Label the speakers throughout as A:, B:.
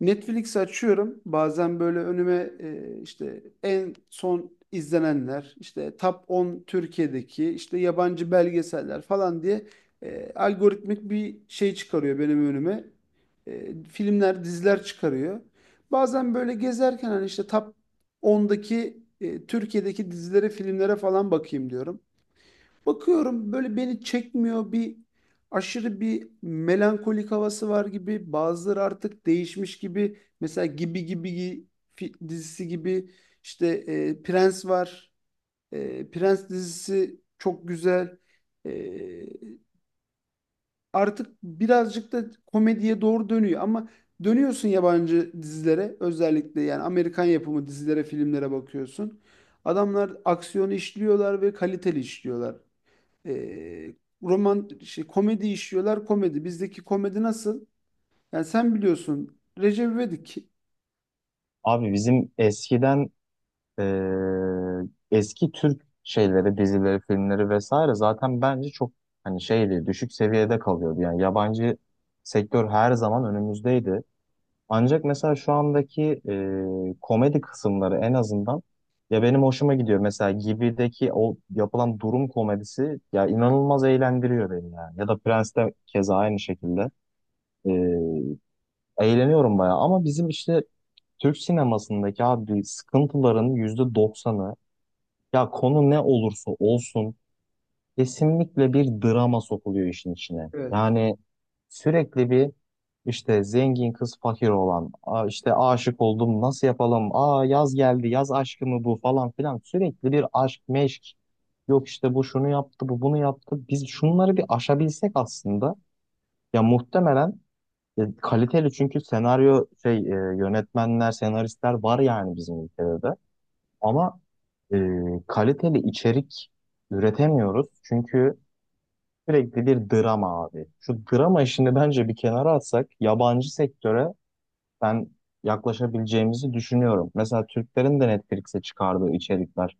A: Netflix'i açıyorum. Bazen böyle önüme işte en son izlenenler, işte Top 10 Türkiye'deki, işte yabancı belgeseller falan diye algoritmik bir şey çıkarıyor benim önüme. Filmler, diziler çıkarıyor. Bazen böyle gezerken hani işte Top on'daki Türkiye'deki dizilere, filmlere falan bakayım diyorum. Bakıyorum böyle beni çekmiyor bir aşırı bir melankolik havası var gibi. Bazıları artık değişmiş gibi. Mesela Gibi Gibi dizisi gibi işte Prens var. Prens dizisi çok güzel. E, Artık birazcık da komediye doğru dönüyor ama dönüyorsun yabancı dizilere özellikle yani Amerikan yapımı dizilere, filmlere bakıyorsun. Adamlar aksiyonu işliyorlar ve kaliteli işliyorlar. E, Roman şey, komedi işliyorlar komedi. Bizdeki komedi nasıl? Yani sen biliyorsun Recep İvedik.
B: Abi bizim eskiden e, eski Türk şeyleri, dizileri, filmleri vesaire zaten bence çok hani şeydi, düşük seviyede kalıyordu. Yani yabancı sektör her zaman önümüzdeydi. Ancak mesela şu andaki komedi kısımları en azından ya benim hoşuma gidiyor. Mesela Gibi'deki o yapılan durum komedisi ya inanılmaz eğlendiriyor beni yani. Ya da Prens'te keza aynı şekilde. Eğleniyorum bayağı ama bizim işte Türk sinemasındaki abi sıkıntıların yüzde doksanı ya konu ne olursa olsun kesinlikle bir drama sokuluyor işin içine.
A: Evet.
B: Yani sürekli bir işte zengin kız fakir olan, "Aa, işte aşık oldum nasıl yapalım, aa yaz geldi yaz aşkı mı bu falan filan sürekli bir aşk meşk. Yok işte bu şunu yaptı bu bunu yaptı biz şunları bir aşabilsek aslında ya muhtemelen kaliteli çünkü senaryo yönetmenler, senaristler var yani bizim ülkede de. Ama e, kaliteli içerik üretemiyoruz. Çünkü sürekli bir drama abi. Şu drama işini bence bir kenara atsak yabancı sektöre ben yaklaşabileceğimizi düşünüyorum. Mesela Türklerin de Netflix'e çıkardığı içerikler.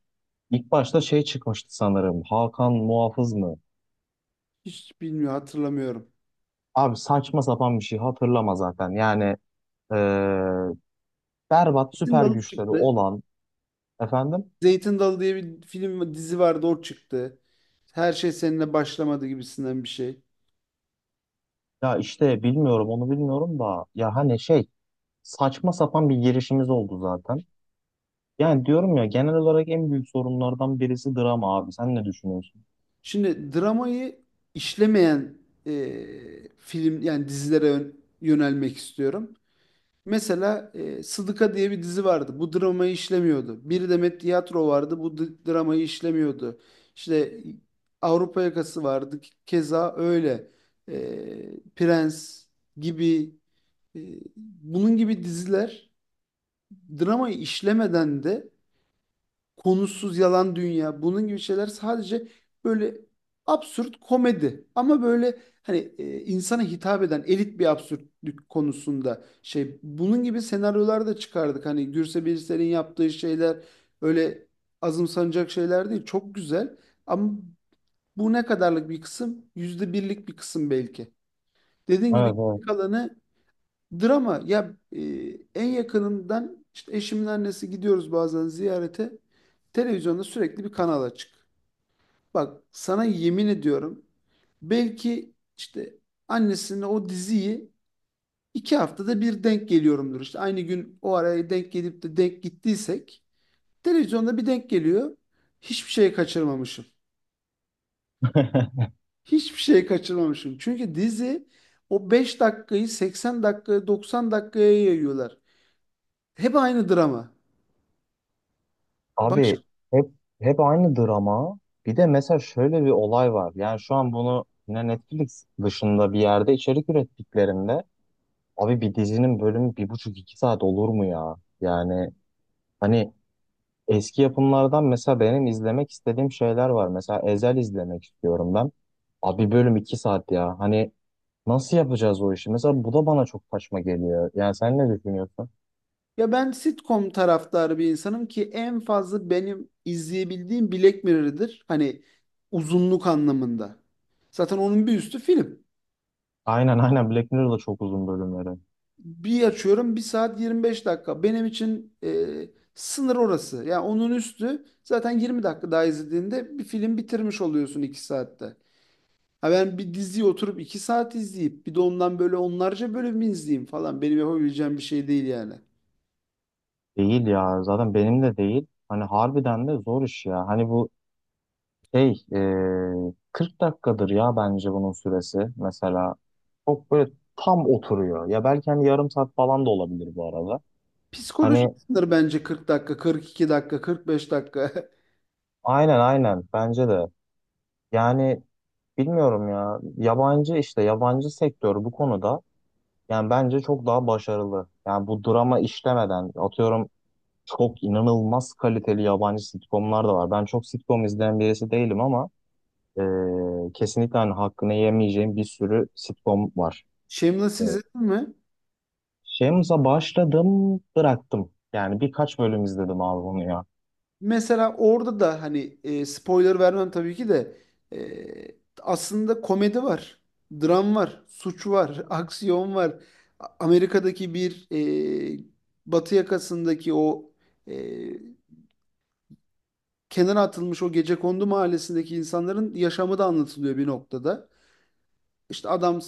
B: İlk başta şey çıkmıştı sanırım. Hakan Muhafız mı?
A: Hiç bilmiyor hatırlamıyorum.
B: Abi saçma sapan bir şey hatırlama zaten. Yani e, berbat
A: Zeytin
B: süper
A: Dalı
B: güçleri
A: çıktı.
B: olan Efendim?
A: Zeytin Dalı diye bir film dizi vardı o çıktı. Her şey seninle başlamadı gibisinden bir şey.
B: Ya işte bilmiyorum onu bilmiyorum da ya hani şey saçma sapan bir girişimiz oldu zaten. Yani diyorum ya genel olarak en büyük sorunlardan birisi drama abi. Sen ne düşünüyorsun?
A: Şimdi dramayı işlemeyen film yani dizilere yönelmek istiyorum. Mesela Sıdıka diye bir dizi vardı. Bu dramayı işlemiyordu. Bir Demet Tiyatro vardı. Bu dramayı işlemiyordu. İşte Avrupa Yakası vardı. Keza öyle. Prens gibi, e, bunun gibi diziler dramayı işlemeden de, konusuz, yalan dünya bunun gibi şeyler, sadece böyle absürt komedi ama böyle hani insana hitap eden elit bir absürtlük konusunda şey, bunun gibi senaryolar da çıkardık hani Gürse Birsel'in yaptığı şeyler öyle azımsanacak şeyler değil, çok güzel. Ama bu ne kadarlık bir kısım, yüzde birlik bir kısım belki. Dediğin gibi
B: Evet, evet.
A: geri kalanı drama ya. En yakınımdan işte eşimin annesi, gidiyoruz bazen ziyarete. Televizyonda sürekli bir kanal açık. Bak sana yemin ediyorum, belki işte annesine o diziyi iki haftada bir denk geliyorumdur. İşte aynı gün o araya denk gelip de denk gittiysek televizyonda bir denk geliyor. Hiçbir şey kaçırmamışım. Hiçbir şey kaçırmamışım. Çünkü dizi o 5 dakikayı 80 dakikaya, 90 dakikaya yayıyorlar. Hep aynı drama. Başka...
B: Abi hep hep aynı drama. Bir de mesela şöyle bir olay var. Yani şu an bunu yine Netflix dışında bir yerde içerik ürettiklerinde abi bir dizinin bölümü bir buçuk iki saat olur mu ya? Yani hani eski yapımlardan mesela benim izlemek istediğim şeyler var. Mesela Ezel izlemek istiyorum ben. Abi bölüm 2 saat ya. Hani nasıl yapacağız o işi? Mesela bu da bana çok saçma geliyor. Yani sen ne düşünüyorsun?
A: Ya ben sitcom taraftarı bir insanım ki en fazla benim izleyebildiğim Black Mirror'dır. Hani uzunluk anlamında. Zaten onun bir üstü film.
B: Aynen, aynen, Black Mirror'da çok uzun bölümleri.
A: Bir açıyorum bir saat 25 dakika. Benim için sınır orası. Ya onun üstü zaten, 20 dakika daha izlediğinde bir film bitirmiş oluyorsun 2 saatte. Ha ben bir diziyi oturup 2 saat izleyip bir de ondan böyle onlarca bölüm izleyeyim falan, benim yapabileceğim bir şey değil yani.
B: Değil ya, zaten benim de değil. Hani harbiden de zor iş ya. Hani bu 40 dakikadır ya bence bunun süresi. Mesela çok böyle tam oturuyor. Ya belki hani yarım saat falan da olabilir bu arada.
A: Psikolojik
B: Hani
A: sınır bence 40 dakika, 42 dakika, 45 dakika.
B: aynen, aynen, bence de. Yani bilmiyorum ya. Yabancı işte yabancı sektör bu konuda yani bence çok daha başarılı. Yani bu drama işlemeden atıyorum çok inanılmaz kaliteli yabancı sitcomlar da var. Ben çok sitcom izleyen birisi değilim ama e, kesinlikle hani hakkını yemeyeceğim bir sürü sitcom var.
A: Shameless
B: E,
A: izledin mi?
B: Shameless'a başladım, bıraktım. Yani birkaç bölüm izledim abi bunu ya.
A: Mesela orada da hani spoiler vermem tabii ki de, e, aslında komedi var, dram var, suç var, aksiyon var. Amerika'daki bir, e, batı yakasındaki o, e, kenara atılmış o gecekondu mahallesindeki insanların yaşamı da anlatılıyor bir noktada. İşte adam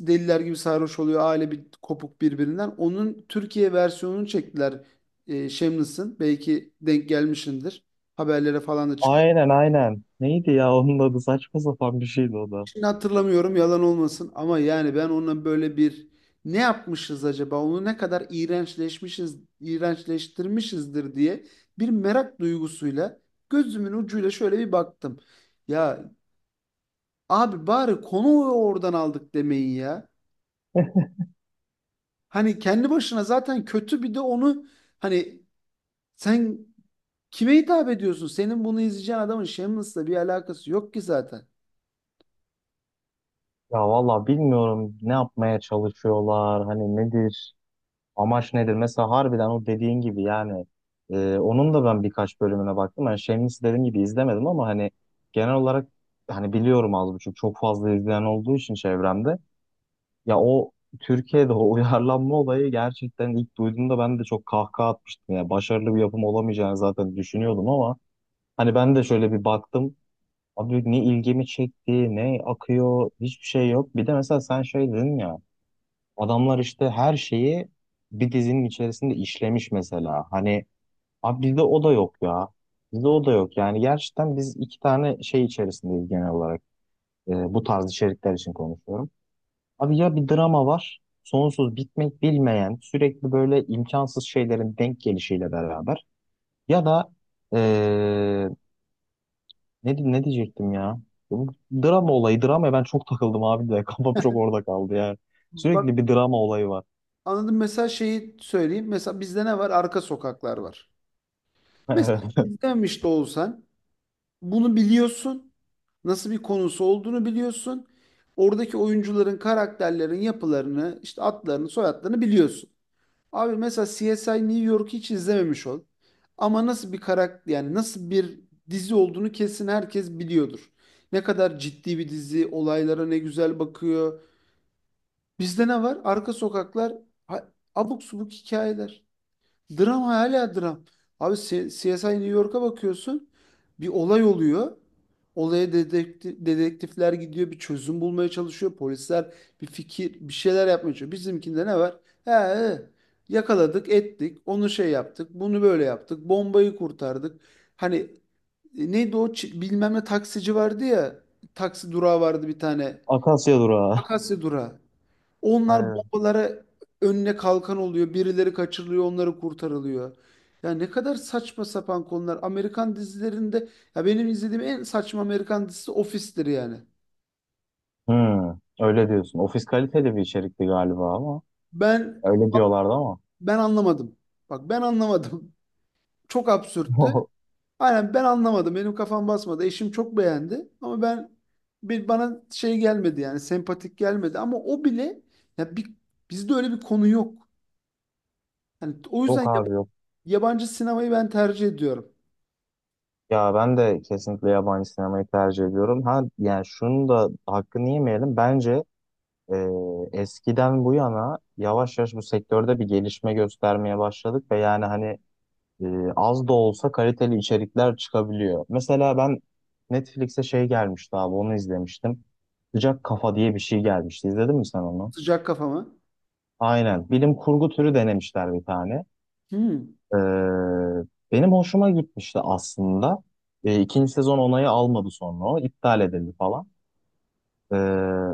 A: deliler gibi sarhoş oluyor. Aile bir kopuk birbirinden. Onun Türkiye versiyonunu çektiler. Shameless'ın. Belki denk gelmişindir. Haberlere falan da çıkmış.
B: Aynen, aynen. Neydi ya onun adı, saçma sapan bir şeydi o da.
A: Şimdi hatırlamıyorum yalan olmasın ama yani ben onunla böyle bir ne yapmışız acaba, onu ne kadar iğrençleşmişiz, iğrençleştirmişizdir diye bir merak duygusuyla gözümün ucuyla şöyle bir baktım. Ya abi bari konu oradan aldık demeyin ya. Hani kendi başına zaten kötü, bir de onu, hani, sen kime hitap ediyorsun? Senin bunu izleyeceğin adamın Shameless'la bir alakası yok ki zaten.
B: Ya valla bilmiyorum ne yapmaya çalışıyorlar, hani nedir, amaç nedir? Mesela harbiden o dediğin gibi yani onun da ben birkaç bölümüne baktım. Yani Shameless dediğim gibi izlemedim ama hani genel olarak hani biliyorum az buçuk, çok fazla izleyen olduğu için çevremde. Ya o Türkiye'de o uyarlanma olayı gerçekten ilk duyduğumda ben de çok kahkaha atmıştım. Yani başarılı bir yapım olamayacağını zaten düşünüyordum ama hani ben de şöyle bir baktım. Abi ne ilgimi çekti, ne akıyor, hiçbir şey yok. Bir de mesela sen şey dedin ya, adamlar işte her şeyi bir dizinin içerisinde işlemiş mesela. Hani abi bizde o da yok ya. Bizde o da yok. Yani gerçekten biz iki tane şey içerisindeyiz genel olarak. Bu tarz içerikler için konuşuyorum. Abi ya bir drama var, sonsuz bitmek bilmeyen, sürekli böyle imkansız şeylerin denk gelişiyle beraber. Ya da ee, ne, ne diyecektim ya? Bu drama olayı. Dramaya ben çok takıldım abi de. Kafam çok orada kaldı ya.
A: Bak
B: Sürekli bir drama olayı var.
A: anladım, mesela şeyi söyleyeyim. Mesela bizde ne var? Arka Sokaklar var.
B: Evet.
A: Mesela izlemiş de olsan bunu biliyorsun. Nasıl bir konusu olduğunu biliyorsun. Oradaki oyuncuların, karakterlerin yapılarını, işte adlarını, soyadlarını biliyorsun. Abi mesela CSI New York'u hiç izlememiş ol. Ama nasıl bir karakter, yani nasıl bir dizi olduğunu kesin herkes biliyordur. Ne kadar ciddi bir dizi, olaylara ne güzel bakıyor. Bizde ne var? Arka Sokaklar, ha- abuk subuk hikayeler. Dram hala dram. Abi CSI New York'a bakıyorsun. Bir olay oluyor. Olaya dedektifler gidiyor. Bir çözüm bulmaya çalışıyor. Polisler bir fikir, bir şeyler yapmaya çalışıyor. Bizimkinde ne var? He, he. Yakaladık, ettik. Onu şey yaptık. Bunu böyle yaptık. Bombayı kurtardık. Hani neydi o bilmem ne taksici vardı ya. Taksi durağı vardı bir tane.
B: Akasya durağı.
A: Akasya durağı. Onlar
B: Aynen.
A: bombalara önüne kalkan oluyor. Birileri kaçırılıyor, onları kurtarılıyor. Ya ne kadar saçma sapan konular. Amerikan dizilerinde... Ya benim izlediğim en saçma Amerikan dizisi Office'tir yani.
B: Hmm, öyle diyorsun. Ofis kaliteli bir içerikti galiba ama.
A: Ben
B: Öyle diyorlardı ama.
A: Ben anlamadım. Bak ben anlamadım. Çok absürttü. Aynen ben anlamadım. Benim kafam basmadı. Eşim çok beğendi ama ben, bir bana şey gelmedi yani sempatik gelmedi ama o bile, ya bir, bizde öyle bir konu yok. Yani o yüzden
B: Yok abi, yok.
A: yabancı sinemayı ben tercih ediyorum.
B: Ya ben de kesinlikle yabancı sinemayı tercih ediyorum. Ha yani şunu da hakkını yemeyelim. Bence e, eskiden bu yana yavaş yavaş bu sektörde bir gelişme göstermeye başladık ve yani hani e, az da olsa kaliteli içerikler çıkabiliyor. Mesela ben Netflix'e şey gelmişti abi, onu izlemiştim. Sıcak Kafa diye bir şey gelmişti. İzledin mi sen onu?
A: Sıcak kafama.
B: Aynen. Bilim kurgu türü denemişler bir tane.
A: Hmm.
B: Ee, Benim hoşuma gitmişti aslında. İkinci sezon onayı almadı sonra o. iptal edildi falan. Ee,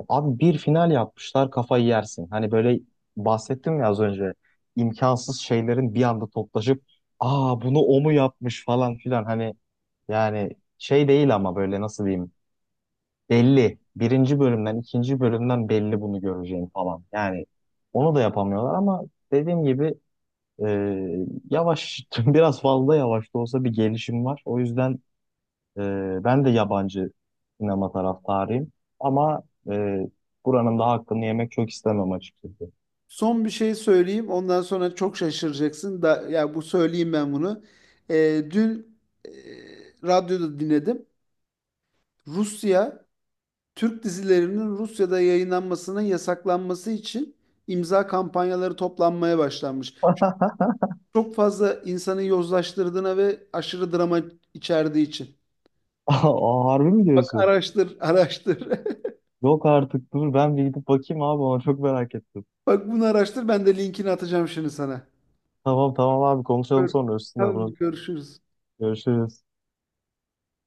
B: Abi bir final yapmışlar, kafayı yersin. Hani böyle bahsettim ya az önce, imkansız şeylerin bir anda toplaşıp aa bunu o mu yapmış falan filan hani yani şey değil ama böyle nasıl diyeyim belli. Birinci bölümden ikinci bölümden belli bunu göreceğim falan. Yani onu da yapamıyorlar ama dediğim gibi yavaş biraz fazla yavaş da olsa bir gelişim var. O yüzden ben de yabancı sinema taraftarıyım. Ama e, buranın da hakkını yemek çok istemem açıkçası.
A: Son bir şey söyleyeyim. Ondan sonra çok şaşıracaksın. Da, ya bu söyleyeyim ben bunu. Ee, Dün e, radyoda dinledim. Rusya, Türk dizilerinin Rusya'da yayınlanmasının yasaklanması için imza kampanyaları toplanmaya başlanmış. Çok fazla insanı yozlaştırdığına ve aşırı drama içerdiği için.
B: Aa, harbi mi
A: Bak
B: diyorsun?
A: araştır, araştır.
B: Yok artık, dur ben bir gidip bakayım abi, ona çok merak ettim.
A: Bak bunu araştır. Ben de linkini atacağım şimdi sana.
B: Tamam, tamam abi, konuşalım
A: Gör-
B: sonra üstüne
A: Tamam,
B: bunu.
A: görüşürüz.
B: Görüşürüz.